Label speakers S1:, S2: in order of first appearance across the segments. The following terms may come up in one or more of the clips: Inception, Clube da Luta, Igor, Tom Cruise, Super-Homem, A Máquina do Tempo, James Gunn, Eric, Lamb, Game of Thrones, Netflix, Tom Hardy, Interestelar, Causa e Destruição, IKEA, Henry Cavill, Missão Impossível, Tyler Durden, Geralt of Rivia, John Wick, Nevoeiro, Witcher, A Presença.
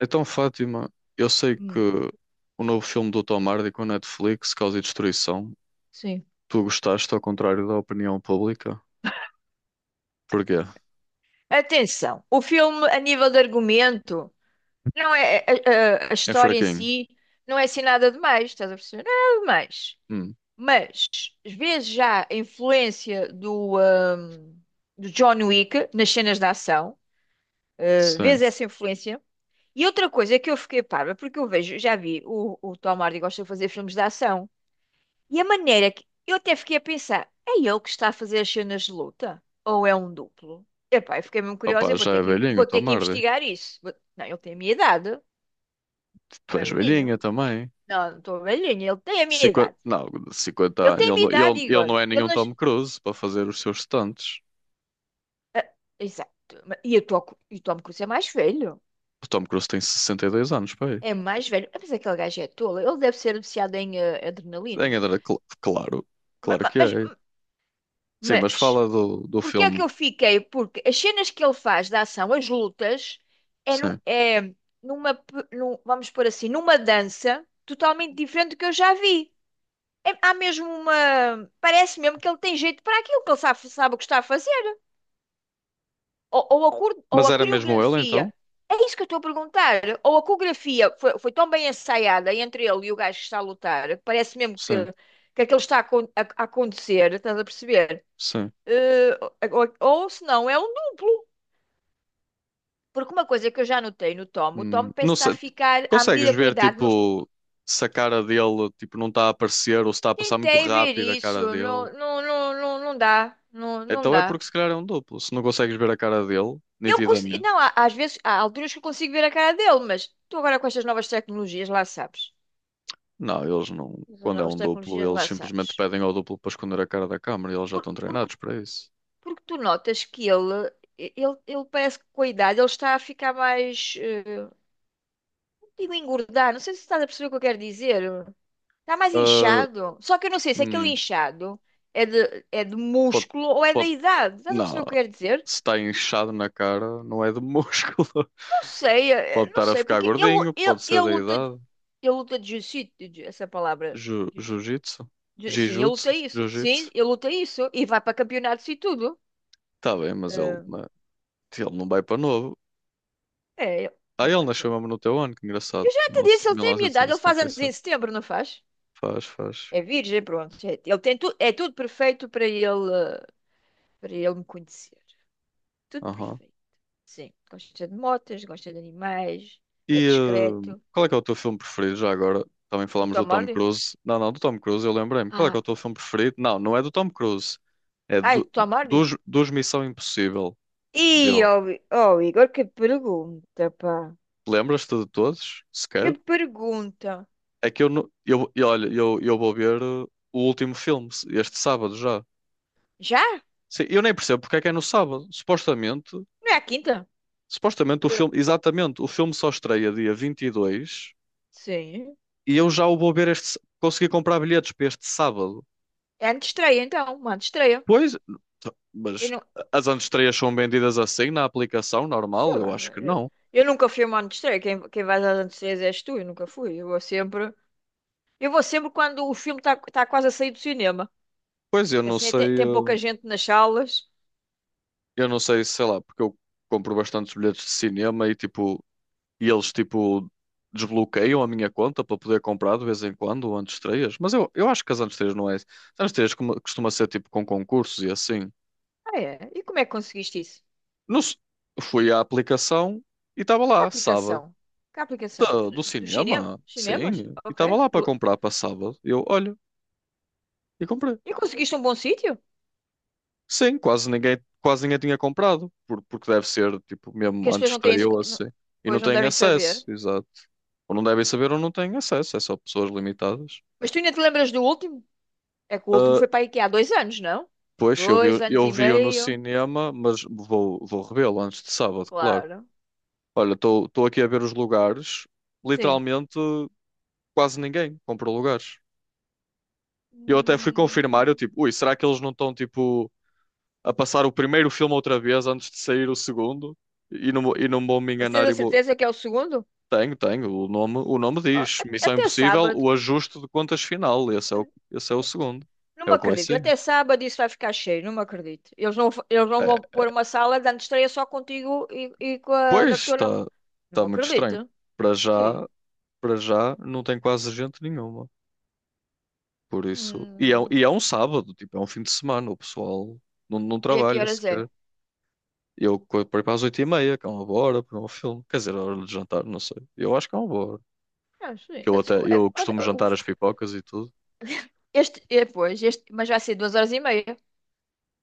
S1: Então, Fátima, eu sei que
S2: Hum,
S1: o novo filme do Tom Hardy com a Netflix, Causa e Destruição,
S2: sim.
S1: tu gostaste ao contrário da opinião pública? Porquê?
S2: Atenção, o filme, a nível de argumento, não é a
S1: É
S2: história em
S1: fraquinho.
S2: si não é assim nada demais, estás a perceber? Nada demais.
S1: Hum,
S2: Mas vês já a influência do John Wick nas cenas de ação, ah, vês
S1: sim.
S2: essa influência. E outra coisa que eu fiquei parva, porque eu vejo, já vi, o Tom Hardy gosta de fazer filmes de ação. E a maneira que eu até fiquei a pensar, é ele que está a fazer as cenas de luta? Ou é um duplo? Epá, eu fiquei mesmo curiosa,
S1: Opa,
S2: eu vou
S1: já
S2: ter
S1: é
S2: que,
S1: velhinho o
S2: vou ter
S1: Tom
S2: que
S1: Hardy.
S2: investigar isso. Não, ele tem a minha idade,
S1: Tu
S2: não é
S1: és velhinha
S2: velhinho.
S1: também.
S2: Não, não estou velhinho, ele tem a minha
S1: 50?
S2: idade.
S1: Não, cinquenta
S2: Ele
S1: anos.
S2: tem a
S1: Ele,
S2: minha idade,
S1: ele
S2: Igor.
S1: não é
S2: Ele
S1: nenhum
S2: nas.
S1: Tom Cruise para fazer os seus stunts.
S2: Ah, exato. E eu estou e o Tom Cruise é mais velho.
S1: O Tom Cruise tem 62 anos, pai.
S2: É mais velho. Mas aquele gajo é tolo. Ele deve ser viciado em adrenalina.
S1: Em Andrade, claro.
S2: Ma-
S1: Claro
S2: ma-
S1: que
S2: Mas,
S1: é. Sim, mas
S2: mas,
S1: fala do
S2: Porque é que
S1: filme.
S2: eu fiquei? Porque as cenas que ele faz da ação, as lutas, é, nu-
S1: Sim.
S2: é numa, vamos pôr assim, numa dança totalmente diferente do que eu já vi. Há mesmo uma. Parece mesmo que ele tem jeito para aquilo, que ele sabe o que está a fazer. Ou, ou a, cor- ou
S1: Mas
S2: a
S1: era mesmo ele então?
S2: coreografia. É isso que eu estou a perguntar. Ou a coreografia foi tão bem ensaiada entre ele e o gajo que está a lutar, que parece mesmo que,
S1: Sim.
S2: que aquilo está a acontecer, estás a perceber?
S1: Sim.
S2: Eh, ou se não, é um duplo. Porque uma coisa que eu já notei no Tom, o Tom parece
S1: Não
S2: que está a
S1: sei,
S2: ficar, à
S1: consegues
S2: medida com a
S1: ver
S2: idade, não est-
S1: tipo se a cara dele tipo, não está a aparecer ou se está a passar muito
S2: tentei ver
S1: rápido a cara
S2: isso,
S1: dele.
S2: não, não, não, não, não dá, não, não
S1: Então é
S2: dá.
S1: porque se calhar é um duplo. Se não consegues ver a cara dele
S2: Eu consigo,
S1: nitidamente,
S2: não, às vezes, há alturas que eu consigo ver a cara dele, mas tu agora com estas novas tecnologias, lá sabes.
S1: não, eles não.
S2: Essas
S1: Quando é
S2: novas
S1: um duplo,
S2: tecnologias,
S1: eles
S2: lá
S1: simplesmente
S2: sabes.
S1: pedem ao duplo para esconder a cara da câmara e eles já
S2: Por-
S1: estão
S2: porque,
S1: treinados para isso.
S2: porque tu notas que ele, ele parece que com a idade ele está a ficar mais, não digo engordar, não sei se estás a perceber o que eu quero dizer. Tá mais
S1: Ah,
S2: inchado? Só que eu não sei se aquele
S1: hum,
S2: inchado é de
S1: pode,
S2: músculo ou é da
S1: pode,
S2: idade. Estás a
S1: não,
S2: perceber o que eu quero dizer?
S1: se está inchado na cara, não é de músculo.
S2: Não sei,
S1: Pode
S2: não
S1: estar a
S2: sei,
S1: ficar
S2: porque ele,
S1: gordinho,
S2: ele,
S1: pode ser
S2: ele
S1: da
S2: luta, ele
S1: idade.
S2: luta de jiu-jitsu, essa palavra.
S1: Ju,
S2: Jiu- Sim, ele luta isso. Sim,
S1: jiu-jitsu.
S2: ele luta isso e vai para campeonatos e tudo.
S1: Tá bem, mas ele,
S2: Eh,
S1: ele não vai para novo.
S2: ele
S1: Ah,
S2: não
S1: ele
S2: vai para.
S1: nasceu mesmo no teu ano, que
S2: Eu
S1: engraçado.
S2: já te
S1: Nossa,
S2: disse, ele
S1: mil
S2: tem a minha
S1: novecentos e
S2: idade, ele faz
S1: setenta e
S2: anos em
S1: sete
S2: setembro, não faz?
S1: Faz, faz.
S2: É virgem, pronto. Ele tem tu, é tudo perfeito para ele, eh, para ele me conhecer. Tudo
S1: Aham.
S2: perfeito. Sim, gosta de motas, gosta de animais, é
S1: E
S2: discreto.
S1: qual é que é o teu filme preferido já agora? Também
S2: Do
S1: falámos do
S2: Tom
S1: Tom
S2: Hardy?
S1: Cruise. Não, não, do Tom Cruise, eu lembrei-me. Qual é que
S2: Ah,
S1: é o teu filme preferido? Não, não é do Tom Cruise. É
S2: ai, Tom Hardy?
S1: dos, dos Missão Impossível
S2: Ih,
S1: dele.
S2: oh, Igor, que pergunta, pá.
S1: Lembras-te de todos,
S2: Que
S1: sequer?
S2: pergunta.
S1: É que eu, não- eu, e olha, eu vou ver o último filme, este sábado já.
S2: Já?
S1: Sim, eu nem percebo porque é que é no sábado. Supostamente.
S2: Não é a quinta?
S1: Supostamente o
S2: Eh,
S1: filme, exatamente, o filme só estreia dia 22
S2: Sim.
S1: e eu já o vou ver este, consegui comprar bilhetes para este sábado.
S2: É antes de estreia, então. Uma antes de estreia.
S1: Pois,
S2: Eu
S1: mas
S2: não.
S1: as antestreias são vendidas assim na aplicação
S2: Sei
S1: normal? Eu
S2: lá.
S1: acho
S2: não-
S1: que
S2: Eu
S1: não.
S2: eu nunca fui a uma antes de estreia. Quem vai às antes de estreias és tu. Eu nunca fui. Eu vou sempre quando o filme está quase a sair do cinema.
S1: Pois eu não
S2: Assim, tem,
S1: sei,
S2: tem pouca gente nas salas.
S1: eu não sei, sei lá, porque eu compro bastantes bilhetes de cinema e tipo, e eles tipo desbloqueiam a minha conta para poder comprar de vez em quando antestreias. Mas eu acho que as antestreias não é. As antestreias costuma ser tipo com concursos e assim.
S2: Ah, é? E como é que conseguiste isso?
S1: Não se- Fui à aplicação e estava
S2: Que
S1: lá, sábado.
S2: aplicação? Que aplicação?
S1: Da-
S2: Do-
S1: Do
S2: Dos cinema?
S1: cinema?
S2: Cinemas?
S1: Sim. E estava
S2: Ok.
S1: lá para
S2: Do-
S1: comprar para sábado. Eu, olha, e comprei.
S2: E conseguiste um bom sítio?
S1: Sim, quase ninguém tinha comprado. Porque deve ser, tipo,
S2: Que
S1: mesmo
S2: as
S1: antes
S2: pessoas
S1: de
S2: não têm. Esse
S1: estreou
S2: co- não-
S1: assim. E não
S2: Pois não
S1: têm
S2: devem saber.
S1: acesso, exato. Ou não devem saber ou não têm acesso. É só pessoas limitadas.
S2: Mas tu ainda te lembras do último? É que o último
S1: Ah,
S2: foi para a IKEA há 2 anos, não?
S1: pois, eu
S2: Dois
S1: vi,
S2: anos
S1: eu
S2: e
S1: vi-o no
S2: meio.
S1: cinema, mas vou, vou revê-lo antes de sábado, claro.
S2: Claro.
S1: Olha, estou aqui a ver os lugares.
S2: Sim.
S1: Literalmente, quase ninguém comprou lugares. Eu até fui confirmar, eu
S2: Hum.
S1: tipo, ui, será que eles não estão tipo a passar o primeiro filme outra vez antes de sair o segundo? E não, e não vou me
S2: Mas tens
S1: enganar
S2: a
S1: e vou.
S2: certeza que é o segundo?
S1: Tenho, tenho, o nome
S2: Ah,
S1: diz. Missão
S2: Até
S1: Impossível,
S2: sábado.
S1: o ajuste de contas final. Esse é esse é o segundo.
S2: Não
S1: É
S2: me
S1: o que vai
S2: acredito.
S1: sair.
S2: Até sábado isso vai ficar cheio. Não me acredito. Eles não
S1: É,
S2: vão pôr uma sala de antestreia só contigo e, com a
S1: pois
S2: na tua. Não
S1: está
S2: me
S1: muito estranho.
S2: acredito.
S1: Para já,
S2: Sim.
S1: para já não tem quase gente nenhuma. Por isso. E é, e
S2: Hum.
S1: é um sábado, tipo, é um fim de semana, o pessoal não, não
S2: E a que
S1: trabalha
S2: horas é?
S1: sequer. Por aí para as 8:30, que é uma boa hora para um filme. Quer dizer, a hora de jantar, não sei. Eu acho que é uma boa hora.
S2: Ah, sim.
S1: Que eu
S2: Eu disse,
S1: até,
S2: é,
S1: eu costumo jantar as pipocas e tudo.
S2: Este, mas vai ser 2 horas e meia.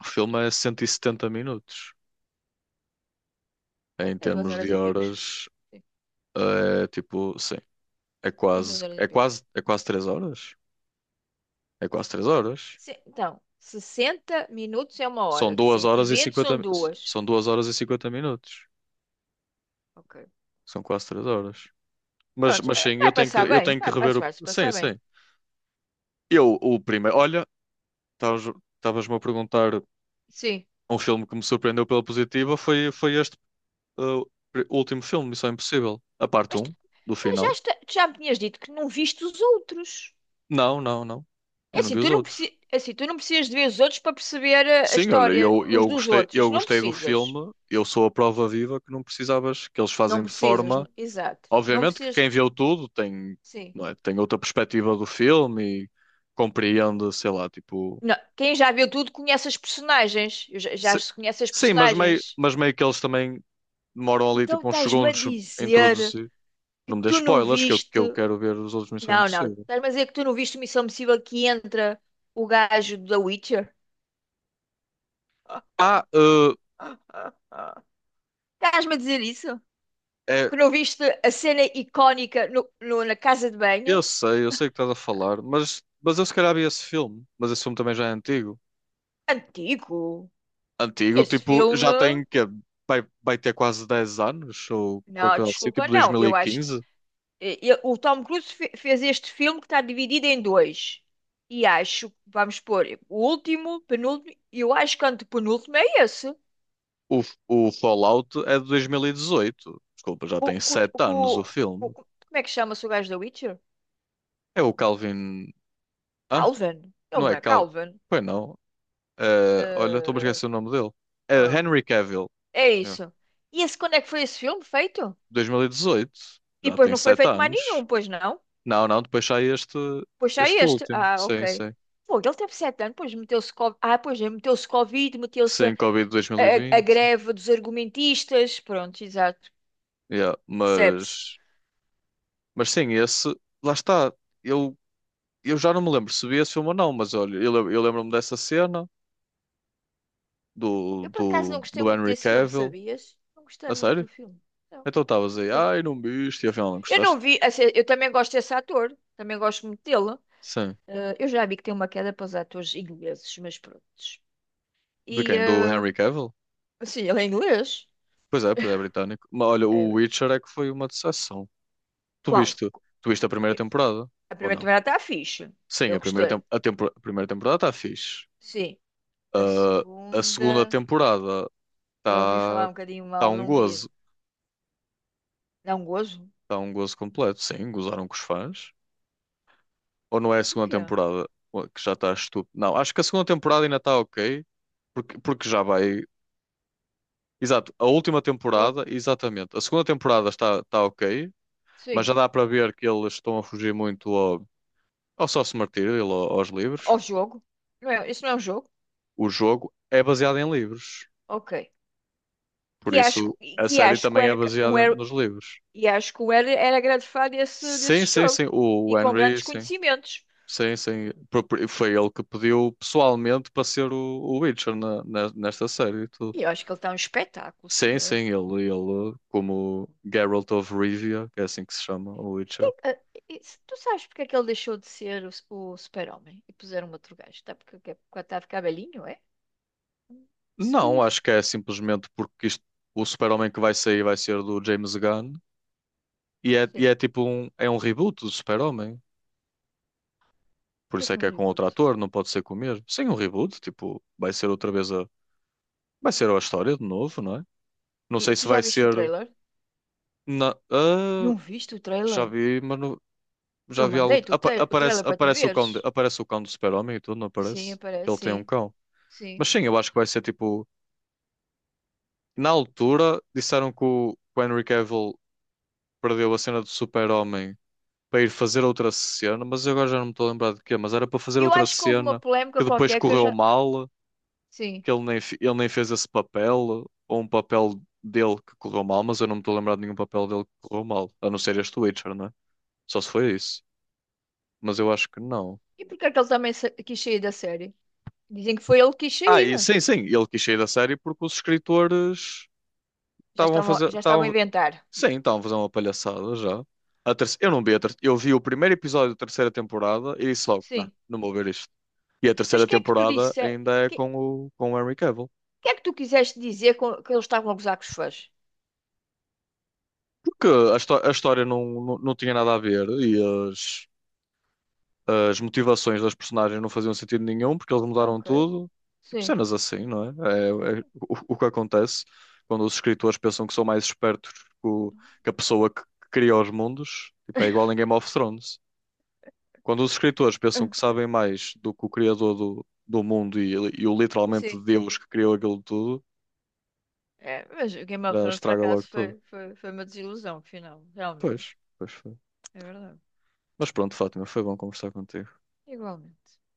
S1: O filme é 170 minutos.
S2: Ah,
S1: Em
S2: É duas
S1: termos
S2: horas
S1: de
S2: e picos.
S1: horas,
S2: Sim,
S1: é tipo, sim, é
S2: sim, duas
S1: quase,
S2: horas e pico.
S1: é quase três horas. É quase três horas.
S2: Sim, então, 60 minutos é uma
S1: São
S2: hora.
S1: duas horas e
S2: 120
S1: 50
S2: são
S1: mi-
S2: duas.
S1: São duas horas e 50 minutos.
S2: Ok.
S1: São quase três horas.
S2: Pronto,
S1: Mas sim,
S2: vai passar
S1: eu
S2: bem.
S1: tenho
S2: Vai,
S1: que
S2: acho
S1: rever
S2: que
S1: o,
S2: vai se
S1: sim,
S2: passar bem.
S1: sim. Eu, o primeiro, olha, estavas- estavas-me a perguntar.
S2: Sim.
S1: Um filme que me surpreendeu pela positiva foi, foi este uh, último filme, Missão Impossível. A parte
S2: Mas, tu-
S1: um do
S2: mas já,
S1: final.
S2: tu já me tinhas dito que não viste os outros.
S1: Não, não, não.
S2: É
S1: Eu não
S2: assim,
S1: vi
S2: tu
S1: os
S2: não
S1: outros.
S2: precisas, assim, tu não precisas de ver os outros para perceber a
S1: Sim, olha,
S2: história uns dos outros.
S1: eu
S2: Isso não
S1: gostei do
S2: precisas.
S1: filme. Eu sou a prova viva que não precisavas, que eles
S2: Não
S1: fazem de
S2: precisas,
S1: forma.
S2: exato. Não
S1: Obviamente que
S2: precisas,
S1: quem viu tudo tem,
S2: sim.
S1: não é, tem outra perspectiva do filme e compreende, sei lá, tipo.
S2: Não, quem já viu tudo conhece as personagens. Eu já
S1: se-
S2: se conhece as
S1: Sim,
S2: personagens.
S1: mas meio que eles também demoram ali
S2: Então
S1: tipo uns
S2: estás-me a
S1: segundos a
S2: dizer
S1: introduzir.
S2: que
S1: Não me dê
S2: tu não
S1: spoilers, que
S2: viste.
S1: eu quero ver os outros Missão
S2: Não, não.
S1: Impossível.
S2: Estás-me a dizer que tu não viste Missão Impossível que entra o gajo da Witcher?
S1: Ah, uh,
S2: Estás-me a dizer isso?
S1: É,
S2: Que não viste a cena icónica no, na casa de banho?
S1: eu sei o que estás a falar, mas eu se calhar vi esse filme. Mas esse filme também já é antigo.
S2: Antigo.
S1: Antigo,
S2: Esse
S1: tipo, já tem
S2: filme.
S1: que é, vai ter quase 10 anos, ou qualquer
S2: Não,
S1: coisa assim, tipo
S2: desculpa, não. Eu acho.
S1: 2015.
S2: O Tom Cruise fez este filme que está dividido em dois. E acho, vamos pôr, o último, penúltimo, e eu acho que o antepenúltimo é esse.
S1: O, o Fallout é de 2018. Desculpa, já
S2: O,
S1: tem
S2: o,
S1: 7 anos o
S2: o-
S1: filme.
S2: Como é que chama-se o gajo da Witcher?
S1: É o Calvin. Ah,
S2: Calvin. Ele
S1: não
S2: não
S1: é
S2: é
S1: Calvin.
S2: Calvin.
S1: Pois não. Olha, estou a
S2: Eh,
S1: esquecer o nome dele. É
S2: ah,
S1: Henry Cavill.
S2: É
S1: Yeah.
S2: isso. E esse, quando é que foi esse filme feito?
S1: 2018,
S2: E
S1: já
S2: depois
S1: tem
S2: não foi
S1: sete
S2: feito mais
S1: anos.
S2: nenhum, pois não?
S1: Não, não, depois sai este,
S2: Puxei
S1: este
S2: este.
S1: último.
S2: Ah,
S1: Sim,
S2: ok.
S1: sim.
S2: Pô, ele teve 7 anos, pois meteu-se co- ah, pois é, meteu-se Covid, meteu-se a,
S1: Sim, Covid
S2: a- a
S1: 2020.
S2: greve dos argumentistas. Pronto, exato.
S1: Yeah,
S2: Percebe-se.
S1: mas sim, esse, lá está. Eu, eu já não me lembro se vi esse filme ou não, mas olha, eu, eu lembro-me dessa cena
S2: Eu por acaso não gostei
S1: do
S2: muito
S1: Henry
S2: desse filme,
S1: Cavill.
S2: sabias? Não gostei
S1: A
S2: muito
S1: sério?
S2: do filme. Não,
S1: Então
S2: não
S1: estavas aí,
S2: gostei.
S1: ai, não viste, e afinal não
S2: Eu
S1: gostaste?
S2: não vi, assim, eu também gosto desse ator, também gosto muito dele.
S1: Sim.
S2: Ah, eu já vi que tem uma queda para os atores ingleses, mas pronto.
S1: De
S2: E
S1: quem? Do Henry Cavill?
S2: assim, ele é inglês.
S1: Pois é, é britânico. Mas olha, o
S2: É,
S1: Witcher é que foi uma decepção. Tu
S2: qual?
S1: viste, tu viste a primeira
S2: Eu-
S1: temporada?
S2: A
S1: Ou
S2: primeira
S1: não?
S2: temporada está fixe.
S1: Sim,
S2: Eu
S1: a primeira,
S2: gostei.
S1: a primeira temporada está fixe.
S2: Sim. A
S1: Ah, a segunda
S2: segunda,
S1: temporada
S2: eu ouvi
S1: está
S2: falar um bocadinho
S1: tá
S2: mal,
S1: um
S2: não vi.
S1: gozo.
S2: Dá um gozo?
S1: Está um gozo completo. Sim, gozaram com os fãs. Ou não é a
S2: Por
S1: segunda
S2: quê?
S1: temporada que já está estúpido? Não, acho que a segunda temporada ainda está ok. Porque, porque já vai. Exato, a última
S2: Oh,
S1: temporada, exatamente. A segunda temporada está, está ok, mas
S2: sim.
S1: já dá para ver que eles estão a fugir muito ao sócio martírio, aos
S2: Ao
S1: livros.
S2: jogo? Não é, isso não é um jogo?
S1: O jogo é baseado em livros.
S2: Ok.
S1: Por isso, a
S2: Que
S1: série
S2: acho que o
S1: também é
S2: Eric- um
S1: baseada
S2: Eric-
S1: nos livros.
S2: e acho que o Eric era grande fã desse,
S1: Sim,
S2: desse
S1: sim,
S2: jogo.
S1: sim.
S2: E
S1: O
S2: com
S1: Henry,
S2: grandes
S1: sim.
S2: conhecimentos.
S1: Sim, sim. Foi ele que pediu pessoalmente para ser o Witcher nesta série e tudo.
S2: E eu acho que ele está um espetáculo,
S1: Sim,
S2: senhor.
S1: sim, ele, como Geralt of Rivia, que é assim que se chama, o Witcher.
S2: E se tu sabes porque é que ele deixou de ser o super-homem e puseram um outro gajo? Está porque está a ficar velhinho, é? Hum, Percebi
S1: Não, acho
S2: isso.
S1: que é simplesmente porque isto, o Super-Homem que vai sair vai ser do James Gunn e
S2: Sim.
S1: é tipo
S2: O
S1: um, é um reboot do Super-Homem. Por isso
S2: que
S1: é
S2: é um
S1: que é com outro
S2: reboot?
S1: ator, não pode ser com o mesmo. Sim, um reboot, tipo, vai ser outra vez a, vai ser a história de novo, não é? Não
S2: E
S1: sei se
S2: tu já
S1: vai
S2: viste o
S1: ser.
S2: trailer?
S1: Na, ah,
S2: Não viste o
S1: já
S2: trailer?
S1: vi,
S2: Eu
S1: já vi algo.
S2: mandei-te o, tra- o
S1: Aparece,
S2: trailer para tu
S1: aparece o
S2: veres.
S1: cão de, aparece o cão do Super-Homem e tudo, não
S2: Sim,
S1: aparece? Que
S2: aparece,
S1: ele tem um
S2: sim,
S1: cão. Mas
S2: sim.
S1: sim, eu acho que vai ser tipo. Na altura, disseram que que o Henry Cavill perdeu a cena do Super-Homem para ir fazer outra cena, mas eu agora já não me estou a lembrar de quê. Mas era para fazer
S2: Eu
S1: outra
S2: acho que houve uma
S1: cena que
S2: polémica
S1: depois
S2: qualquer que eu
S1: correu
S2: já.
S1: mal,
S2: Sim.
S1: que ele nem, ele nem fez esse papel, ou um papel dele que correu mal, mas eu não me estou a lembrar de nenhum papel dele que correu mal, a não ser este Witcher, não é? Só se foi isso, mas eu acho que não.
S2: E porquê é que ele também quis sair da série? Dizem que foi ele que quis
S1: Ah, e
S2: sair.
S1: sim, sim, ele quis sair da série porque os escritores
S2: Já
S1: estavam a
S2: estavam,
S1: fazer,
S2: já estavam a
S1: estavam,
S2: inventar.
S1: sim, estavam a fazer uma palhaçada já. Eu não vi eu vi o primeiro episódio da terceira temporada e disse logo, não,
S2: Sim.
S1: não vou ver isto. E a
S2: Mas
S1: terceira
S2: o que é que tu
S1: temporada
S2: disse? O
S1: ainda é
S2: que,
S1: com com o Henry Cavill.
S2: que é que tu quiseste dizer com, que eles estavam a gozar com os fãs?
S1: Porque a, a história não tinha nada a ver e as, as motivações das personagens não faziam sentido nenhum porque eles mudaram
S2: Ok.
S1: tudo. Tipo
S2: Sim.
S1: cenas assim, não é? É, é o que acontece quando os escritores pensam que são mais espertos que, que a pessoa que cria os mundos. Tipo, é igual em Game of Thrones. Quando os escritores pensam que sabem mais do que o criador do mundo e o literalmente
S2: Sim.
S1: Deus que criou aquilo tudo,
S2: É, mas o Game of
S1: já
S2: Thrones, por
S1: estraga logo
S2: acaso,
S1: tudo.
S2: foi uma desilusão, final. Realmente.
S1: Pois, pois foi.
S2: É verdade.
S1: Mas pronto, Fátima, foi bom conversar contigo.
S2: Igualmente.